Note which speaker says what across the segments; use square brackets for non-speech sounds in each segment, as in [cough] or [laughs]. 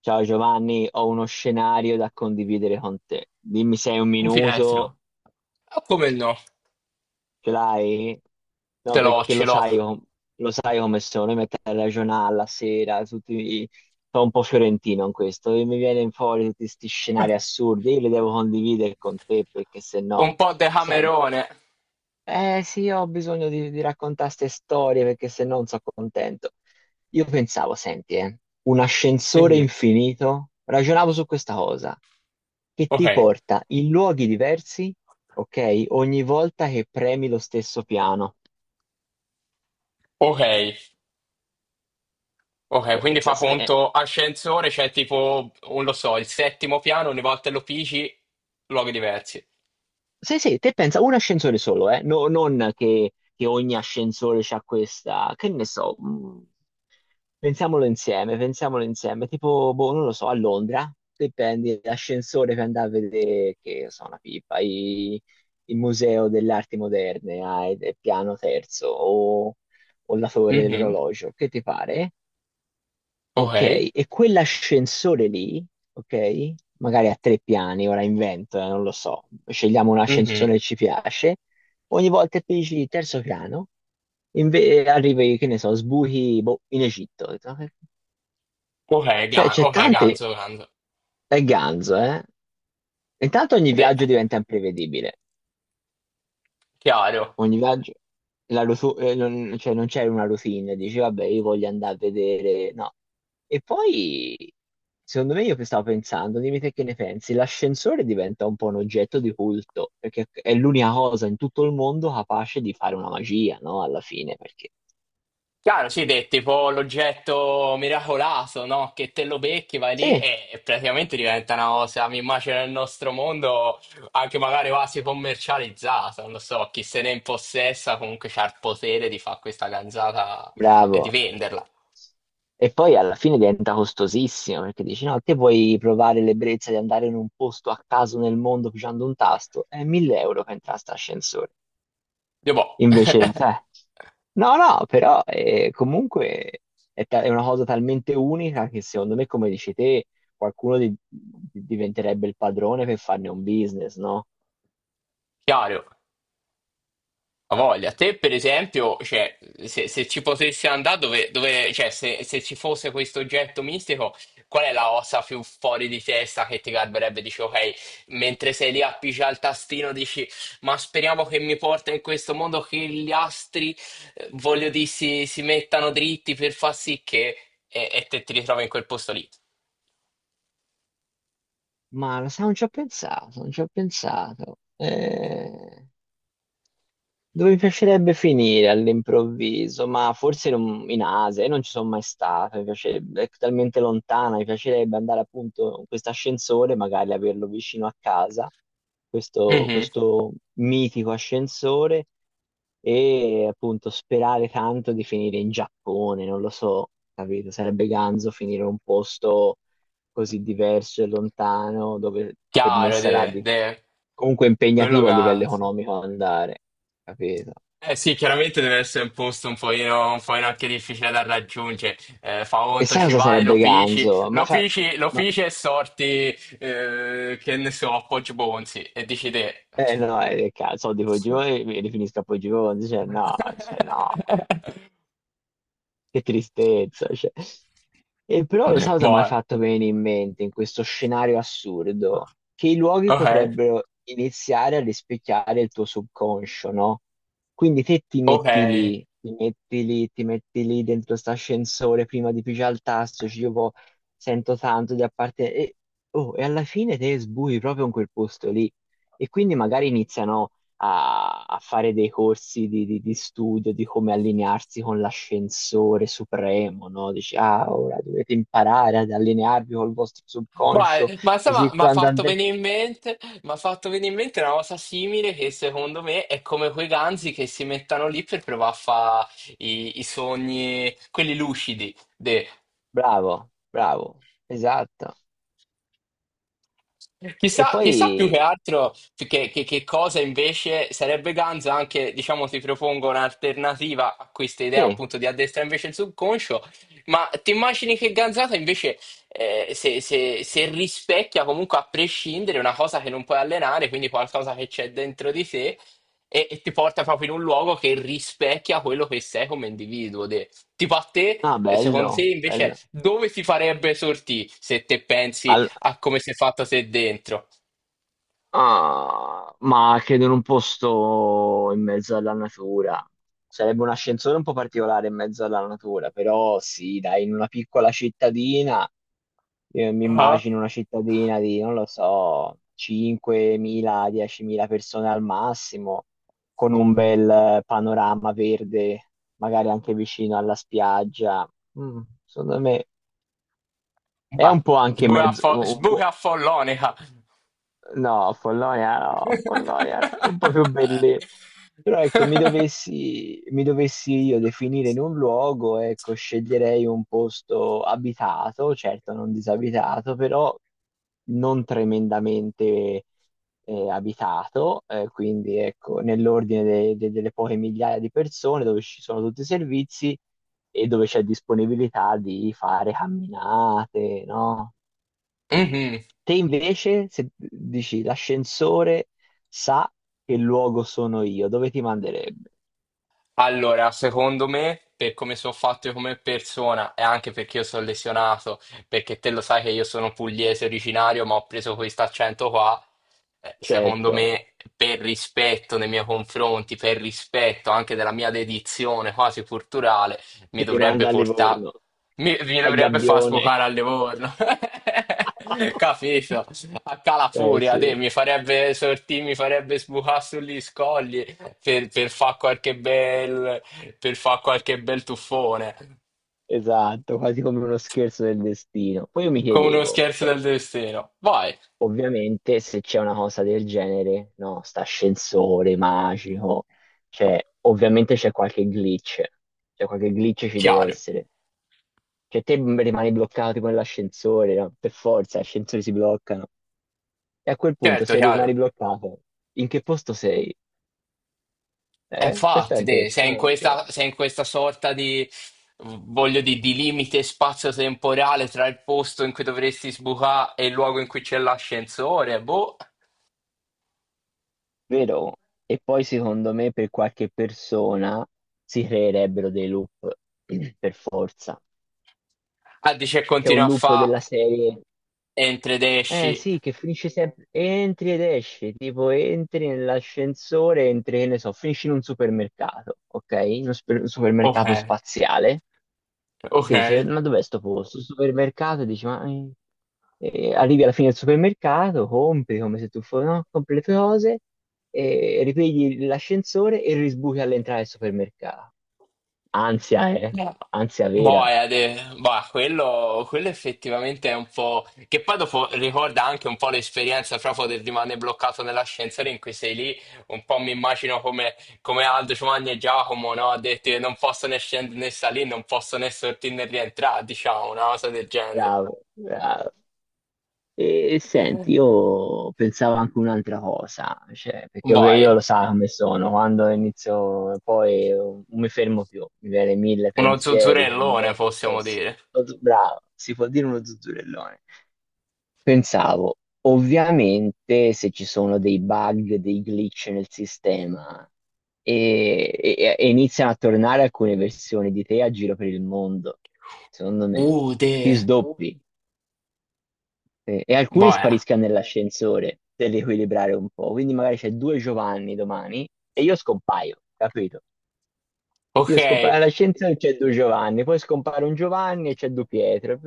Speaker 1: Ciao Giovanni, ho uno scenario da condividere con te. Dimmi se hai un
Speaker 2: Un
Speaker 1: minuto,
Speaker 2: finestrino. Ah, come no?
Speaker 1: ce l'hai? No,
Speaker 2: Ce l'ho,
Speaker 1: perché
Speaker 2: ce
Speaker 1: lo
Speaker 2: l'ho.
Speaker 1: sai, lo sai come sono, mi metto a ragionare la sera, tutti, sono un po' fiorentino in questo, e mi viene fuori tutti questi scenari assurdi, io li devo condividere con te perché se no,
Speaker 2: Un po' decamerone.
Speaker 1: eh sì, io ho bisogno di raccontare queste storie perché se no non sono contento. Io pensavo, senti, un ascensore
Speaker 2: Mhm.
Speaker 1: infinito, ragionavo su questa cosa, che
Speaker 2: Ok,
Speaker 1: ti porta in luoghi diversi, ok? Ogni volta che premi lo stesso piano.
Speaker 2: ok, ok.
Speaker 1: Eh,
Speaker 2: Quindi
Speaker 1: Se-
Speaker 2: fa
Speaker 1: se- eh,
Speaker 2: conto ascensore, c'è tipo, non lo so, il settimo piano, ogni volta lo pigi, luoghi diversi.
Speaker 1: Sì, sì, te pensa un ascensore solo, eh? Non che, che ogni ascensore c'ha questa, che ne so, pensiamolo insieme, pensiamolo insieme. Tipo, boh, non lo so, a Londra, te prendi l'ascensore per andare a vedere, che so, una pipa, il museo delle arti moderne, al piano terzo, o la torre
Speaker 2: Mhm.
Speaker 1: dell'orologio, che ti pare?
Speaker 2: Ok,
Speaker 1: Ok, e quell'ascensore lì, ok, magari a tre piani, ora invento, non lo so, scegliamo un ascensore
Speaker 2: mhm.
Speaker 1: che ci piace, ogni volta che dici terzo piano, arrivi, che ne so, sbuchi, boh, in Egitto.
Speaker 2: Ok,
Speaker 1: Cioè, c'è
Speaker 2: ok,
Speaker 1: tante...
Speaker 2: ganzo, ganzo.
Speaker 1: È ganzo, eh? Intanto ogni
Speaker 2: De-
Speaker 1: viaggio diventa imprevedibile.
Speaker 2: chiaro.
Speaker 1: Ogni viaggio... non, cioè, non c'è una routine. Dici, vabbè, io voglio andare a vedere... No. E poi, secondo me, io stavo pensando, dimmi te che ne pensi, l'ascensore diventa un po' un oggetto di culto, perché è l'unica cosa in tutto il mondo capace di fare una magia, no? Alla fine, perché...
Speaker 2: Chiaro, sì, è tipo l'oggetto miracoloso, no? Che te lo becchi, vai lì
Speaker 1: Sì,
Speaker 2: e praticamente diventa una cosa, mi immagino nel nostro mondo, anche magari quasi commercializzata, non lo so, chi se ne impossessa comunque c'ha il potere di fare questa ganzata e di
Speaker 1: bravo.
Speaker 2: venderla.
Speaker 1: E poi alla fine diventa costosissimo perché dici: no, te vuoi provare l'ebbrezza di andare in un posto a caso nel mondo pigiando un tasto? È 1000 euro per entrare a sta ascensore.
Speaker 2: Io boh,
Speaker 1: Invece,
Speaker 2: [laughs]
Speaker 1: cioè, no, no, però comunque è una cosa talmente unica che secondo me, come dici te, qualcuno diventerebbe il padrone per farne un business, no?
Speaker 2: chiaro. A voglia, te per esempio, cioè, se ci potessi andare, dove cioè, se ci fosse questo oggetto mistico, qual è la ossa più fuori di testa che ti garberebbe? Dici, ok, mentre sei lì appicci al tastino, dici, ma speriamo che mi porta in questo mondo, che gli astri, voglio dire, si mettano dritti per far sì che... E te ti ritrovi in quel posto lì.
Speaker 1: Ma lo sai, non ci ho pensato, non ci ho pensato. Dove mi piacerebbe finire all'improvviso, ma forse in Asia, io non ci sono mai stato, mi piacerebbe, è talmente lontana, mi piacerebbe andare appunto in questo ascensore, magari averlo vicino a casa,
Speaker 2: Mhm.
Speaker 1: questo mitico ascensore, e appunto sperare tanto di finire in Giappone, non lo so, capito? Sarebbe ganzo finire in un posto così diverso e lontano, dove per me
Speaker 2: Chiaro,
Speaker 1: comunque
Speaker 2: quello
Speaker 1: impegnativo a livello
Speaker 2: canza.
Speaker 1: economico andare, capito?
Speaker 2: Eh sì, chiaramente deve essere un posto un pochino anche difficile da raggiungere. Fa
Speaker 1: E
Speaker 2: conto,
Speaker 1: sai
Speaker 2: ci
Speaker 1: cosa
Speaker 2: vai, lo
Speaker 1: sarebbe
Speaker 2: fici,
Speaker 1: ganzo? Ma
Speaker 2: lo
Speaker 1: fa...
Speaker 2: fici, lo
Speaker 1: Ma...
Speaker 2: fici e sorti, che ne so, a Poggio Bonzi e dici te.
Speaker 1: Eh no, cazzo, soldi Poggio mi rifinisco a Poggio cioè no,
Speaker 2: [laughs]
Speaker 1: che tristezza, cioè. E però lo sai cosa mi hai
Speaker 2: Boh,
Speaker 1: fatto venire in mente in questo scenario assurdo? Che i luoghi
Speaker 2: ok,
Speaker 1: potrebbero iniziare a rispecchiare il tuo subconscio, no? Quindi te ti
Speaker 2: ok.
Speaker 1: metti lì, ti metti lì, ti metti lì dentro st'ascensore prima di pigiare il tasto, sento tanto di appartenere. E, oh, e alla fine te sbui proprio in quel posto lì. E quindi magari iniziano a fare dei corsi di studio di come allinearsi con l'ascensore supremo, no? Dici, ah, ora dovete imparare ad allinearvi col vostro subconscio,
Speaker 2: Vai, ma insomma,
Speaker 1: così
Speaker 2: mi ha
Speaker 1: quando
Speaker 2: fatto
Speaker 1: andrete...
Speaker 2: venire in mente, mi ha fatto venire in mente una cosa simile che secondo me è come quei ganzi che si mettono lì per provare a fare i sogni, quelli lucidi.
Speaker 1: Bravo, bravo, esatto. E
Speaker 2: Chissà,
Speaker 1: poi,
Speaker 2: chissà più che altro che, che cosa invece sarebbe ganza, anche diciamo ti propongo un'alternativa a questa idea
Speaker 1: sì,
Speaker 2: appunto di addestrare invece il subconscio, ma ti immagini che ganzata invece se, se rispecchia comunque a prescindere una cosa che non puoi allenare, quindi qualcosa che c'è dentro di te e ti porta proprio in un luogo che rispecchia quello che sei come individuo. Tipo a te,
Speaker 1: no,
Speaker 2: secondo te
Speaker 1: bello,
Speaker 2: invece
Speaker 1: bello.
Speaker 2: dove ti farebbe sortì se te pensi?
Speaker 1: Al-
Speaker 2: A come sei fatta te dentro.
Speaker 1: Ah, ma credo in un posto in mezzo alla natura. Sarebbe un ascensore un po' particolare in mezzo alla natura, però sì, dai, in una piccola cittadina, io mi
Speaker 2: Ah,
Speaker 1: immagino una cittadina di, non lo so, 5.000-10.000 persone al massimo, con un bel panorama verde, magari anche vicino alla spiaggia. Mm, secondo me è
Speaker 2: ah.
Speaker 1: un po' anche mezzo,
Speaker 2: Sburaffollonica.
Speaker 1: no, Follonia no, Follonia no, un po' più belli. Però ecco,
Speaker 2: [laughs]
Speaker 1: mi dovessi io definire in un luogo, ecco, sceglierei un posto abitato, certo non disabitato, però non tremendamente abitato, quindi ecco, nell'ordine delle poche migliaia di persone dove ci sono tutti i servizi e dove c'è disponibilità di fare camminate, no?
Speaker 2: Mhm.
Speaker 1: Te invece, se dici l'ascensore sa che luogo sono io, dove ti manderebbe?
Speaker 2: Allora, secondo me, per come sono fatto io come persona e anche perché io sono lesionato, perché te lo sai che io sono pugliese originario, ma ho preso questo accento qua, secondo
Speaker 1: Certo.
Speaker 2: me, per rispetto nei miei confronti, per rispetto anche della mia dedizione quasi culturale,
Speaker 1: Ti
Speaker 2: mi dovrebbe
Speaker 1: rimanda a
Speaker 2: portare,
Speaker 1: Livorno,
Speaker 2: mi
Speaker 1: ai
Speaker 2: dovrebbe far
Speaker 1: Gabbione.
Speaker 2: sfocare a Livorno. [laughs]
Speaker 1: [laughs]
Speaker 2: Capito? A
Speaker 1: Eh
Speaker 2: Calafuria,
Speaker 1: sì,
Speaker 2: te, mi farebbe sortì, mi farebbe sbucare sugli scogli per fare qualche bel, per fa qualche bel tuffone,
Speaker 1: esatto, quasi come uno scherzo del destino. Poi io mi
Speaker 2: come uno
Speaker 1: chiedevo,
Speaker 2: scherzo
Speaker 1: cioè,
Speaker 2: del destino. Vai,
Speaker 1: ovviamente se c'è una cosa del genere, no, sta ascensore magico, cioè, ovviamente c'è qualche glitch, cioè qualche glitch ci deve
Speaker 2: chiaro,
Speaker 1: essere. Cioè, rimani bloccato con l'ascensore, no? Per forza, gli ascensori si bloccano. E a quel punto,
Speaker 2: certo,
Speaker 1: se rimani
Speaker 2: chiaro.
Speaker 1: bloccato, in che posto sei?
Speaker 2: E
Speaker 1: Eh? Questo è
Speaker 2: infatti, te, sei in
Speaker 1: interessante,
Speaker 2: questa, sei in questa sorta di, voglio dire, di limite spazio-temporale tra il posto in cui dovresti sbucare e il luogo in cui c'è l'ascensore, boh.
Speaker 1: vero? E poi, secondo me, per qualche persona si creerebbero dei loop, [clears throat] per forza.
Speaker 2: Ah, dice
Speaker 1: C'è un
Speaker 2: continua a
Speaker 1: loop
Speaker 2: fare
Speaker 1: della serie,
Speaker 2: entri ed
Speaker 1: eh
Speaker 2: esci.
Speaker 1: sì, che finisce sempre, entri ed esci, tipo entri nell'ascensore, entri, che ne so, finisci in un supermercato, ok? Un
Speaker 2: Ok,
Speaker 1: supermercato spaziale.
Speaker 2: ok.
Speaker 1: Ok, dice, ma dov'è sto posto? Il supermercato, e dici, ma arrivi alla fine del supermercato, compri come se tu fossi, no? Compri le tue cose, ripigli l'ascensore e risbuchi all'entrata del supermercato. Ansia, eh?
Speaker 2: Boh,
Speaker 1: Ansia vera.
Speaker 2: boia, boia, quello effettivamente è un po'. Che poi dopo ricorda anche un po' l'esperienza proprio del rimanere bloccato nell'ascensore in cui sei lì. Un po' mi immagino come, come Aldo Giovanni e Giacomo, no? Ha detto che non posso né scendere né salire, non posso né sortire né rientrare, diciamo, una cosa del genere.
Speaker 1: Bravo, bravo. E senti, io pensavo anche un'altra cosa, cioè, perché ovvio io
Speaker 2: Vai,
Speaker 1: lo so come sono, quando inizio, poi non mi fermo più, mi viene mille
Speaker 2: uno
Speaker 1: pensieri
Speaker 2: zuzzurellone
Speaker 1: connessi.
Speaker 2: possiamo dire.
Speaker 1: Bravo, si può dire uno zuzzurellone. Pensavo, ovviamente se ci sono dei bug, dei glitch nel sistema e iniziano a tornare alcune versioni di te a giro per il mondo, secondo me
Speaker 2: Uh,
Speaker 1: ti
Speaker 2: de,
Speaker 1: sdoppi e alcuni
Speaker 2: boia.
Speaker 1: spariscano nell'ascensore per riequilibrare un po', quindi magari c'è due Giovanni domani e io scompaio, capito?
Speaker 2: Ok.
Speaker 1: Io scompaio all'ascensore e c'è due Giovanni, poi scompare un Giovanni e c'è due Pietro,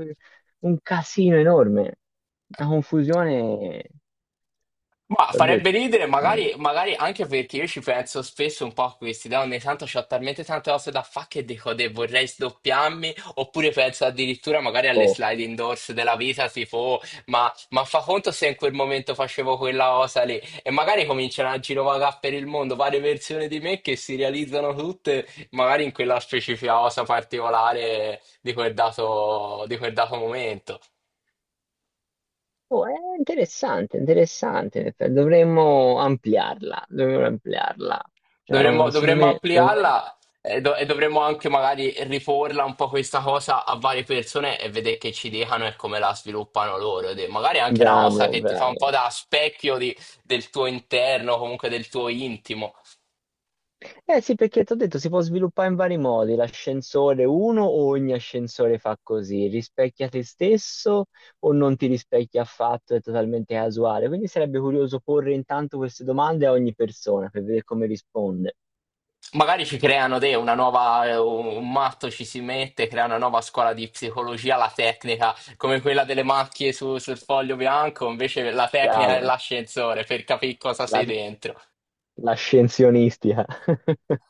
Speaker 1: un casino enorme, una confusione.
Speaker 2: Ma
Speaker 1: L'ho
Speaker 2: farebbe
Speaker 1: detto.
Speaker 2: ridere,
Speaker 1: Mm.
Speaker 2: magari, magari anche perché io ci penso spesso un po' a questi, da ogni tanto ho talmente tante cose da fare che dico: "Deh, vorrei sdoppiarmi", oppure penso addirittura magari alle
Speaker 1: Oh.
Speaker 2: sliding doors della vita, tipo: "Oh, ma fa conto, se in quel momento facevo quella cosa lì, e magari cominciano a girovagare per il mondo varie versioni di me che si realizzano tutte, magari in quella specifica cosa particolare di quel dato momento."
Speaker 1: Oh, è interessante, interessante. In effetti. Dovremmo ampliarla, dovremmo ampliarla. Cioè,
Speaker 2: Dovremmo,
Speaker 1: secondo
Speaker 2: dovremmo
Speaker 1: me, dovremmo...
Speaker 2: ampliarla e, e dovremmo anche magari riporla un po' questa cosa a varie persone e vedere che ci dicano e come la sviluppano loro. De- Magari anche una cosa
Speaker 1: bravo,
Speaker 2: che ti fa un po'
Speaker 1: bravo.
Speaker 2: da specchio del tuo interno, comunque del tuo intimo.
Speaker 1: Eh sì, perché ti ho detto, si può sviluppare in vari modi. L'ascensore, uno, o ogni ascensore fa così, rispecchia te stesso o non ti rispecchia affatto, è totalmente casuale. Quindi sarebbe curioso porre intanto queste domande a ogni persona per vedere come risponde.
Speaker 2: Magari ci creano te una nuova, un matto ci si mette, crea una nuova scuola di psicologia, la tecnica, come quella delle macchie sul foglio bianco, invece la tecnica
Speaker 1: Bravo.
Speaker 2: dell'ascensore per capire cosa sei dentro.
Speaker 1: La scienzionistica. [laughs]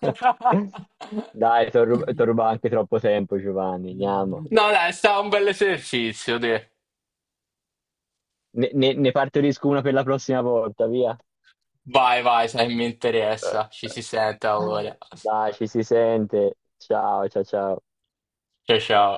Speaker 1: Dai, ti
Speaker 2: [laughs]
Speaker 1: rubato anche troppo tempo, Giovanni. Andiamo.
Speaker 2: No, dai, è stato un bel esercizio, dai.
Speaker 1: Ne partorisco una per la prossima volta, via.
Speaker 2: Vai, vai, se mi interessa.
Speaker 1: [laughs]
Speaker 2: Ci si sente allora.
Speaker 1: Dai, ci si sente. Ciao, ciao, ciao.
Speaker 2: Ciao, ciao.